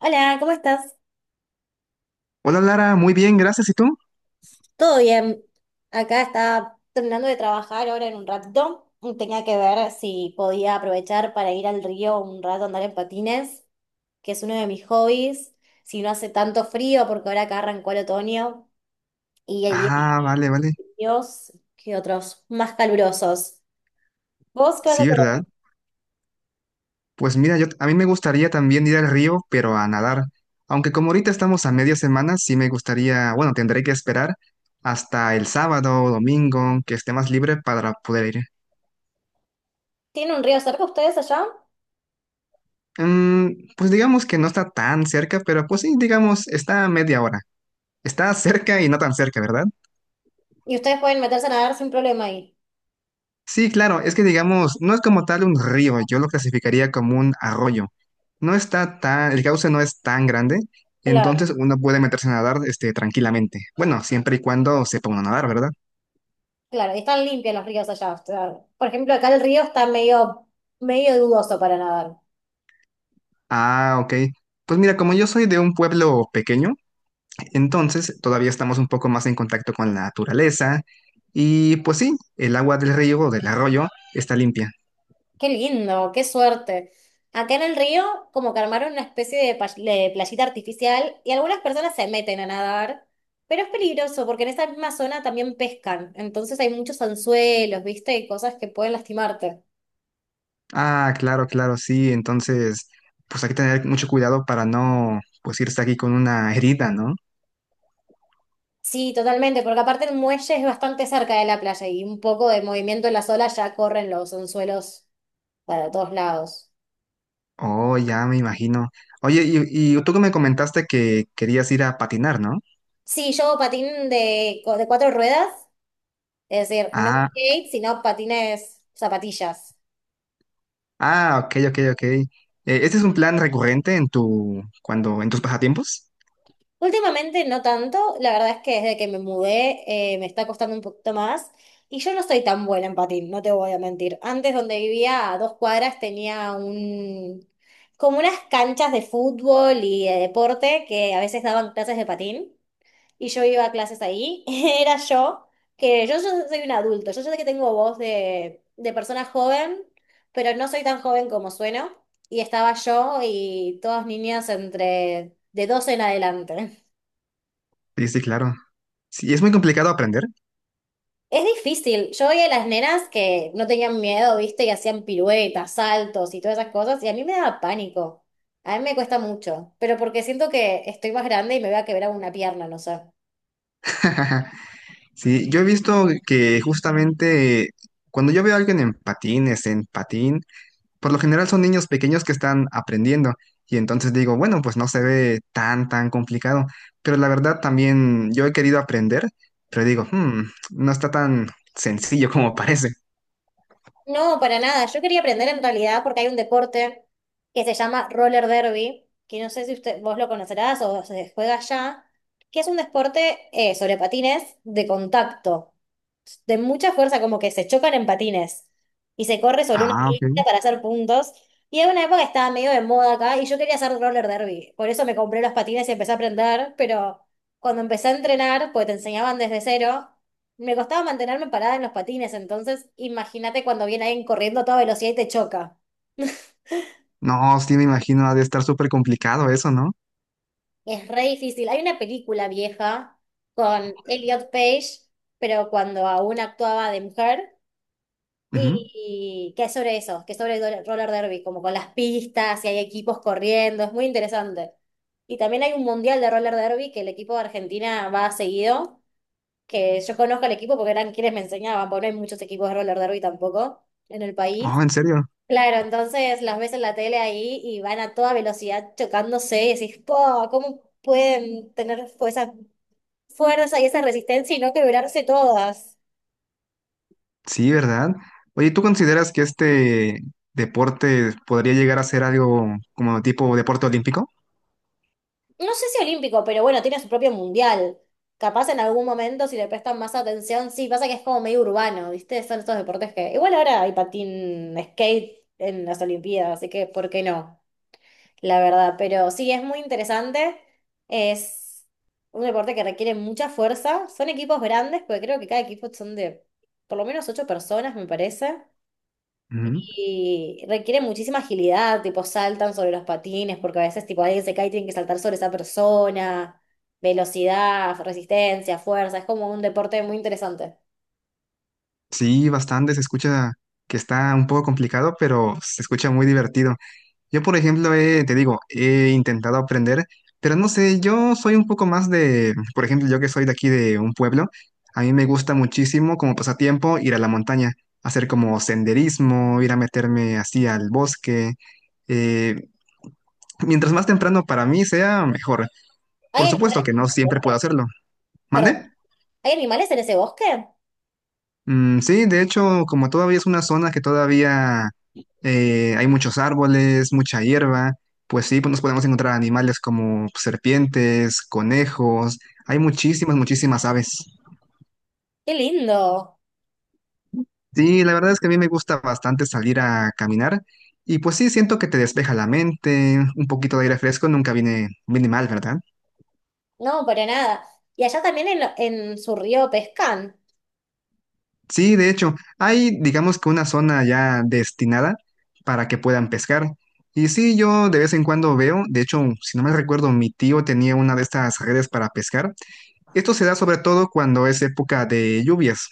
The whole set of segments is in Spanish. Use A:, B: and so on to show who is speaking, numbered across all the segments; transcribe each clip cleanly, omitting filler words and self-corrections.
A: Hola, ¿cómo estás?
B: Hola Lara, muy bien, gracias. ¿Y tú?
A: ¿Todo bien? Acá estaba terminando de trabajar ahora en un ratito. Tenía que ver si podía aprovechar para ir al río un rato a andar en patines, que es uno de mis hobbies. Si no hace tanto frío, porque ahora acá arrancó el otoño y hay días
B: Ah, vale, vale.
A: fríos que otros más calurosos. ¿Vos qué vas a
B: Sí,
A: hacer hoy?
B: ¿verdad? Pues mira, yo a mí me gustaría también ir al río, pero a nadar. Aunque como ahorita estamos a media semana, sí me gustaría, bueno, tendré que esperar hasta el sábado o domingo que esté más libre para poder ir.
A: ¿Tienen un río cerca ustedes allá?
B: Mm, pues digamos que no está tan cerca, pero pues sí, digamos, está a media hora. Está cerca y no tan cerca, ¿verdad?
A: Y ustedes pueden meterse a nadar sin problema ahí.
B: Sí, claro, es que digamos, no es como tal un río, yo lo clasificaría como un arroyo. No está tan, el cauce no es tan grande,
A: Claro.
B: entonces uno puede meterse a nadar tranquilamente. Bueno, siempre y cuando sepa uno nadar, ¿verdad?
A: Claro, y están limpios los ríos allá, o sea, por ejemplo, acá el río está medio dudoso para nadar.
B: Ah, ok. Pues mira, como yo soy de un pueblo pequeño, entonces todavía estamos un poco más en contacto con la naturaleza y pues sí, el agua del río o del arroyo está limpia.
A: Qué lindo, qué suerte. Acá en el río, como que armaron una especie de, de playita artificial y algunas personas se meten a nadar, pero es peligroso porque en esa misma zona también pescan. Entonces hay muchos anzuelos, ¿viste? Y cosas que pueden lastimarte.
B: Ah, claro, claro, sí. Entonces, pues hay que tener mucho cuidado para no, pues irse aquí con una herida, ¿no?
A: Sí, totalmente, porque aparte el muelle es bastante cerca de la playa y un poco de movimiento en las olas ya corren los anzuelos para todos lados.
B: Oh, ya me imagino. Oye, y tú que me comentaste que querías ir a patinar, ¿no?
A: Sí, yo hago patín de cuatro ruedas, es decir, no
B: Ah,
A: skate, sino patines, zapatillas.
B: ah, ok, ok, ok. ¿Este es un plan recurrente en tu, cuando, en tus pasatiempos?
A: Últimamente no tanto, la verdad es que desde que me mudé me está costando un poquito más y yo no soy tan buena en patín, no te voy a mentir. Antes donde vivía a 2 cuadras tenía como unas canchas de fútbol y de deporte que a veces daban clases de patín. Y yo iba a clases ahí, era yo, ya soy un adulto, yo sé que tengo voz de persona joven, pero no soy tan joven como sueno, y estaba yo y todas niñas entre de 12 en adelante.
B: Sí, sí, claro. Sí, es muy complicado aprender.
A: Es difícil, yo veía a las nenas que no tenían miedo, viste, y hacían piruetas, saltos y todas esas cosas, y a mí me daba pánico. A mí me cuesta mucho, pero porque siento que estoy más grande y me voy a quebrar una pierna, no sé.
B: Sí, yo he visto que justamente cuando yo veo a alguien en patines, en patín, por lo general son niños pequeños que están aprendiendo. Y entonces digo, bueno, pues no se ve tan, tan complicado. Pero la verdad también yo he querido aprender, pero digo, "Hmm, no está tan sencillo como parece.
A: No, para nada. Yo quería aprender en realidad porque hay un deporte que se llama roller derby, que no sé si usted, vos lo conocerás o se juega allá, que es un deporte sobre patines de contacto de mucha fuerza, como que se chocan en patines y se corre sobre una
B: Ah, ok.
A: pista para hacer puntos. Y en una época estaba medio de moda acá y yo quería hacer roller derby. Por eso me compré los patines y empecé a aprender, pero cuando empecé a entrenar, pues te enseñaban desde cero, me costaba mantenerme parada en los patines. Entonces, imagínate cuando viene alguien corriendo a toda velocidad y te choca.
B: No, sí me imagino, ha de estar súper complicado eso, ¿no?
A: Es re difícil. Hay una película vieja con Elliot Page, pero cuando aún actuaba de mujer.
B: Ujú.
A: Y que es sobre eso, que es sobre el roller derby, como con las pistas y hay equipos corriendo, es muy interesante. Y también hay un mundial de roller derby que el equipo de Argentina va seguido, que yo conozco al equipo porque eran quienes me enseñaban, porque no hay muchos equipos de roller derby tampoco en el
B: Oh,
A: país.
B: en serio.
A: Claro, entonces las ves en la tele ahí y van a toda velocidad chocándose y decís, po, ¿cómo pueden tener esa fuerza y esa resistencia y no quebrarse todas?
B: Sí, ¿verdad? Oye, ¿tú consideras que este deporte podría llegar a ser algo como tipo deporte olímpico?
A: No sé si olímpico, pero bueno, tiene su propio mundial. Capaz en algún momento, si le prestan más atención, sí, pasa que es como medio urbano, ¿viste? Son estos deportes que. Igual ahora hay patín skate en las Olimpiadas, así que ¿por qué no? La verdad, pero sí, es muy interesante. Es un deporte que requiere mucha fuerza. Son equipos grandes, porque creo que cada equipo son de por lo menos ocho personas, me parece.
B: Ujú.
A: Y requiere muchísima agilidad, tipo saltan sobre los patines, porque a veces tipo alguien se cae y tienen que saltar sobre esa persona, velocidad, resistencia, fuerza, es como un deporte muy interesante.
B: Sí, bastante. Se escucha que está un poco complicado, pero se escucha muy divertido. Yo, por ejemplo, te digo, he intentado aprender, pero no sé, yo soy un poco más de, por ejemplo, yo que soy de aquí de un pueblo, a mí me gusta muchísimo como pasatiempo ir a la montaña, hacer como senderismo, ir a meterme así al bosque. eh, Mientras más temprano para mí sea, mejor. Por
A: ¿Hay
B: supuesto
A: animales
B: que
A: en
B: no
A: ese
B: siempre
A: bosque?
B: puedo hacerlo.
A: Perdón,
B: ¿Mande?
A: ¿hay animales en ese bosque?
B: Mm, sí, de hecho, como todavía es una zona que todavía hay muchos árboles, mucha hierba, pues sí, pues nos podemos encontrar animales como serpientes, conejos, hay muchísimas, muchísimas aves.
A: ¡Qué lindo!
B: Sí, la verdad es que a mí me gusta bastante salir a caminar y pues sí, siento que te despeja la mente, un poquito de aire fresco nunca viene, mal, ¿verdad?
A: No, para nada. Y allá también en su río pescan,
B: Sí, de hecho, hay, digamos que una zona ya destinada para que puedan pescar. Y sí, yo de vez en cuando veo, de hecho, si no me recuerdo, mi tío tenía una de estas redes para pescar. Esto se da sobre todo cuando es época de lluvias,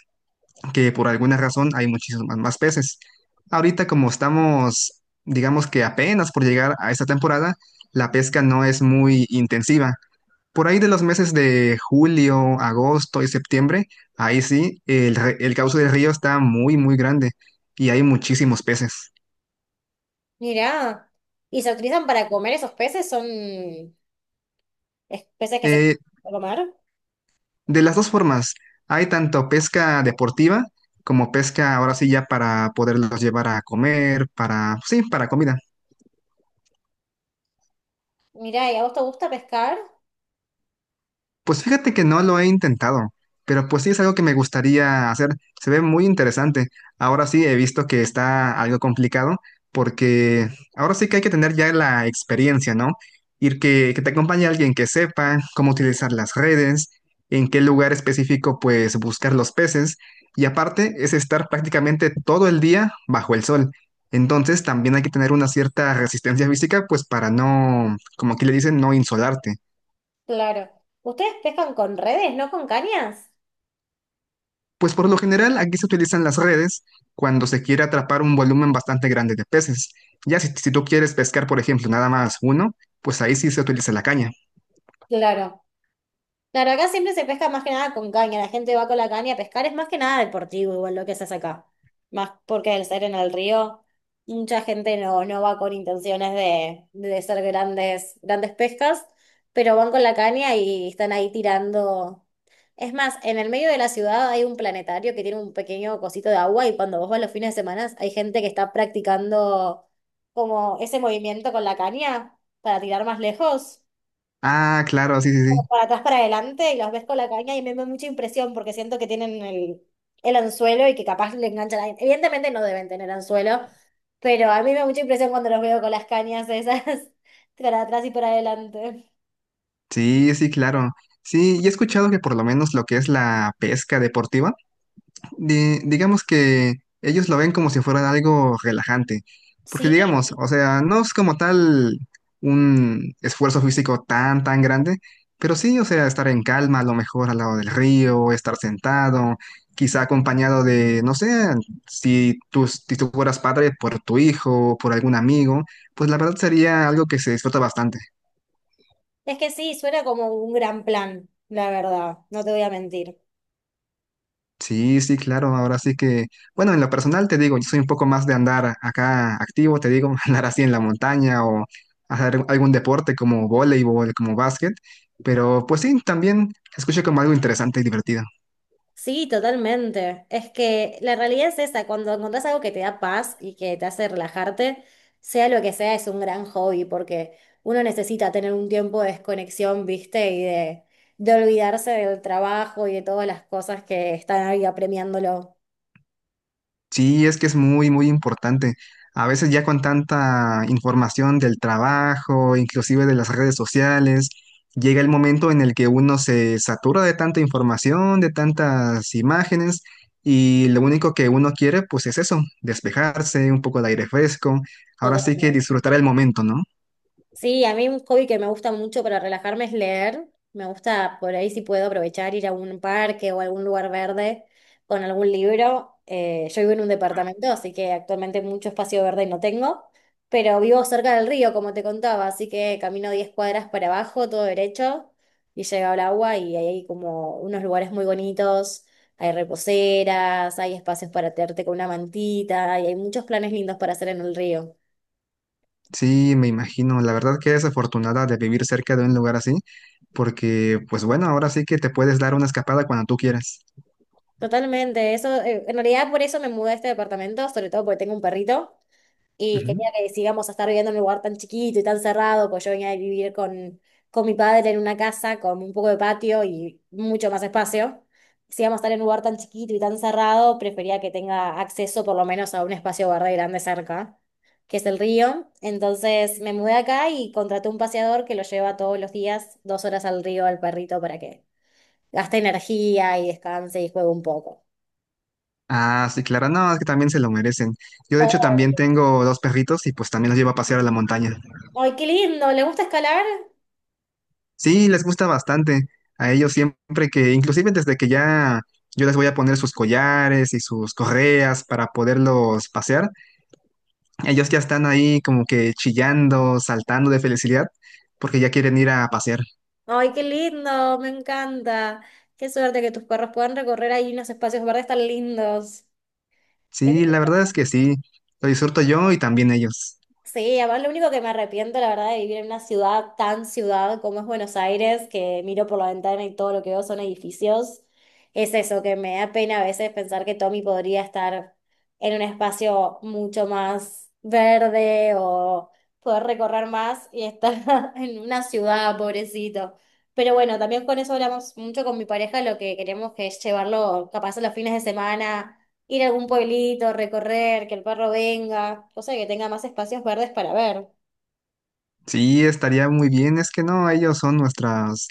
B: que por alguna razón hay muchísimos más peces. Ahorita como estamos, digamos que apenas por llegar a esta temporada, la pesca no es muy intensiva. Por ahí de los meses de julio, agosto y septiembre, ahí sí, el cauce del río está muy, muy grande y hay muchísimos peces.
A: mirá. Y se utilizan para comer esos peces, son peces que se
B: Eh,
A: pueden comer.
B: de las dos formas, hay tanto pesca deportiva como pesca ahora sí ya para poderlos llevar a comer, para, sí, para comida.
A: Mirá, ¿y a vos te gusta pescar?
B: Pues fíjate que no lo he intentado, pero pues sí es algo que me gustaría hacer. Se ve muy interesante. Ahora sí he visto que está algo complicado porque ahora sí que hay que tener ya la experiencia, ¿no? Ir que te acompañe alguien que sepa cómo utilizar las redes, en qué lugar específico pues buscar los peces y aparte es estar prácticamente todo el día bajo el sol. Entonces también hay que tener una cierta resistencia física pues para no, como aquí le dicen, no insolarte.
A: Claro. ¿Ustedes pescan con redes, no con cañas?
B: Pues por lo general aquí se utilizan las redes cuando se quiere atrapar un volumen bastante grande de peces. Ya si tú quieres pescar, por ejemplo, nada más uno, pues ahí sí se utiliza la caña.
A: Claro. Claro, acá siempre se pesca más que nada con caña. La gente va con la caña a pescar. Es más que nada deportivo, igual lo que se hace acá. Más porque al ser en el río, mucha gente no, no va con intenciones de ser grandes, grandes pescas, pero van con la caña y están ahí tirando. Es más, en el medio de la ciudad hay un planetario que tiene un pequeño cosito de agua y cuando vos vas los fines de semana hay gente que está practicando como ese movimiento con la caña para tirar más lejos,
B: Ah, claro, sí, sí,
A: como
B: sí.
A: para atrás, para adelante y los ves con la caña y me da mucha impresión porque siento que tienen el anzuelo y que capaz le enganchan a Evidentemente no deben tener anzuelo, pero a mí me da mucha impresión cuando los veo con las cañas esas para atrás y para adelante.
B: Sí, sí, claro. Sí, y he escuchado que por lo menos lo que es la pesca deportiva digamos que ellos lo ven como si fuera algo relajante, porque
A: Sí,
B: digamos, o sea, no es como tal un esfuerzo físico tan, tan grande, pero sí, o sea, estar en calma, a lo mejor al lado del río, estar sentado, quizá acompañado de, no sé, si tú fueras padre por tu hijo, por algún amigo, pues la verdad sería algo que se disfruta bastante.
A: es que sí, suena como un gran plan, la verdad, no te voy a mentir.
B: Sí, sí, claro. Ahora sí que, bueno, en lo personal te digo, yo soy un poco más de andar acá activo, te digo, andar así en la montaña o hacer algún deporte como voleibol, como básquet. Pero pues sí, también escucho como algo interesante y divertido.
A: Sí, totalmente. Es que la realidad es esa, cuando encontrás algo que te da paz y que te hace relajarte, sea lo que sea, es un gran hobby, porque uno necesita tener un tiempo de desconexión, ¿viste? Y de olvidarse del trabajo y de todas las cosas que están ahí apremiándolo.
B: Sí, es que es muy, muy importante. A veces ya con tanta información del trabajo, inclusive de las redes sociales, llega el momento en el que uno se satura de tanta información, de tantas imágenes, y lo único que uno quiere, pues es eso, despejarse, un poco de aire fresco. Ahora sí que
A: Totalmente.
B: disfrutar el momento, ¿no?
A: Sí, a mí un hobby que me gusta mucho para relajarme es leer. Me gusta por ahí si puedo aprovechar ir a un parque o a algún lugar verde con algún libro. Yo vivo en un departamento, así que actualmente mucho espacio verde no tengo, pero vivo cerca del río, como te contaba, así que camino 10 cuadras para abajo, todo derecho, y llego al agua y ahí hay como unos lugares muy bonitos, hay reposeras, hay espacios para tirarte con una mantita y hay muchos planes lindos para hacer en el río.
B: Sí, me imagino. La verdad que es afortunada de vivir cerca de un lugar así, porque, pues bueno, ahora sí que te puedes dar una escapada cuando tú quieras.
A: Totalmente, eso, en realidad por eso me mudé a este departamento, sobre todo porque tengo un perrito y quería que sigamos a estar viviendo en un lugar tan chiquito y tan cerrado, pues yo venía de vivir con mi padre en una casa con un poco de patio y mucho más espacio. Si íbamos a estar en un lugar tan chiquito y tan cerrado, prefería que tenga acceso por lo menos a un espacio verde grande cerca, que es el río. Entonces me mudé acá y contraté un paseador que lo lleva todos los días 2 horas al río al perrito para que gaste energía y descanse y juegue un poco.
B: Ah, sí, claro, no, es que también se lo merecen. Yo de hecho
A: Oh,
B: también tengo dos perritos y pues también los llevo a pasear a la montaña.
A: ¡ay, qué lindo! ¿Le gusta escalar?
B: Sí, les gusta bastante. A ellos siempre que, inclusive desde que ya yo les voy a poner sus collares y sus correas para poderlos pasear, ellos ya están ahí como que chillando, saltando de felicidad porque ya quieren ir a pasear.
A: ¡Ay, qué lindo! Me encanta. Qué suerte que tus perros puedan recorrer ahí unos espacios verdes tan lindos.
B: Sí, la verdad es que sí, lo disfruto yo y también ellos.
A: Sí, además lo único que me arrepiento, la verdad, de vivir en una ciudad tan ciudad como es Buenos Aires, que miro por la ventana y todo lo que veo son edificios, es eso, que me da pena a veces pensar que Tommy podría estar en un espacio mucho más verde o poder recorrer más y estar en una ciudad, pobrecito. Pero bueno, también con eso hablamos mucho con mi pareja, lo que queremos que es llevarlo capaz a los fines de semana ir a algún pueblito, recorrer, que el perro venga, cosa que tenga más espacios verdes para ver.
B: Sí, estaría muy bien. Es que no, ellos son nuestras,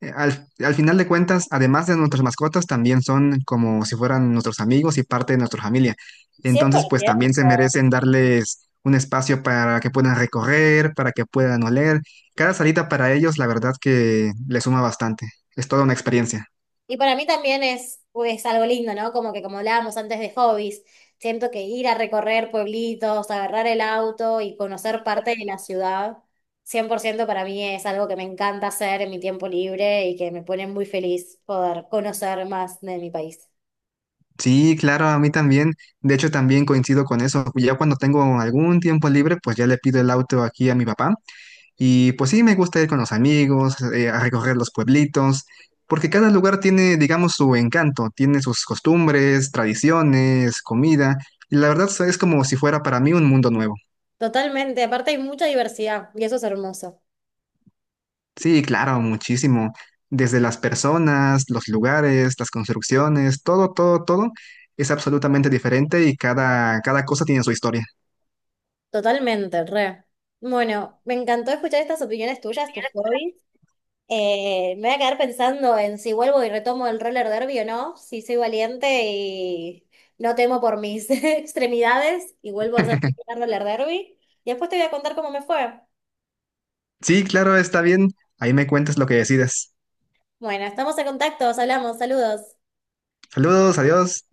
B: al final de cuentas, además de nuestras mascotas, también son como si fueran nuestros amigos y parte de nuestra familia. Entonces, pues también
A: 100%.
B: se merecen darles un espacio para que puedan recorrer, para que puedan oler. Cada salita para ellos, la verdad que le suma bastante. Es toda una experiencia.
A: Y para mí también es algo lindo, ¿no? Como que como hablábamos antes de hobbies, siento que ir a recorrer pueblitos, agarrar el auto y conocer parte de la ciudad, 100% para mí es algo que me encanta hacer en mi tiempo libre y que me pone muy feliz poder conocer más de mi país.
B: Sí, claro, a mí también. De hecho, también coincido con eso. Ya cuando tengo algún tiempo libre, pues ya le pido el auto aquí a mi papá. Y pues sí, me gusta ir con los amigos, a recorrer los pueblitos, porque cada lugar tiene, digamos, su encanto, tiene sus costumbres, tradiciones, comida, y la verdad es como si fuera para mí un mundo nuevo.
A: Totalmente, aparte hay mucha diversidad y eso es hermoso.
B: Sí, claro, muchísimo. Desde las personas, los lugares, las construcciones, todo, todo, todo es absolutamente diferente y cada cosa tiene su historia.
A: Totalmente, re. Bueno, me encantó escuchar estas opiniones tuyas, tus hobbies. Me voy a quedar pensando en si vuelvo y retomo el roller derby o no, si soy valiente y no temo por mis extremidades y vuelvo a hacer roller derby. Y después te voy a contar cómo me fue.
B: Sí, claro, está bien. Ahí me cuentas lo que decides.
A: Bueno, estamos en contacto, os hablamos, saludos.
B: Saludos, adiós.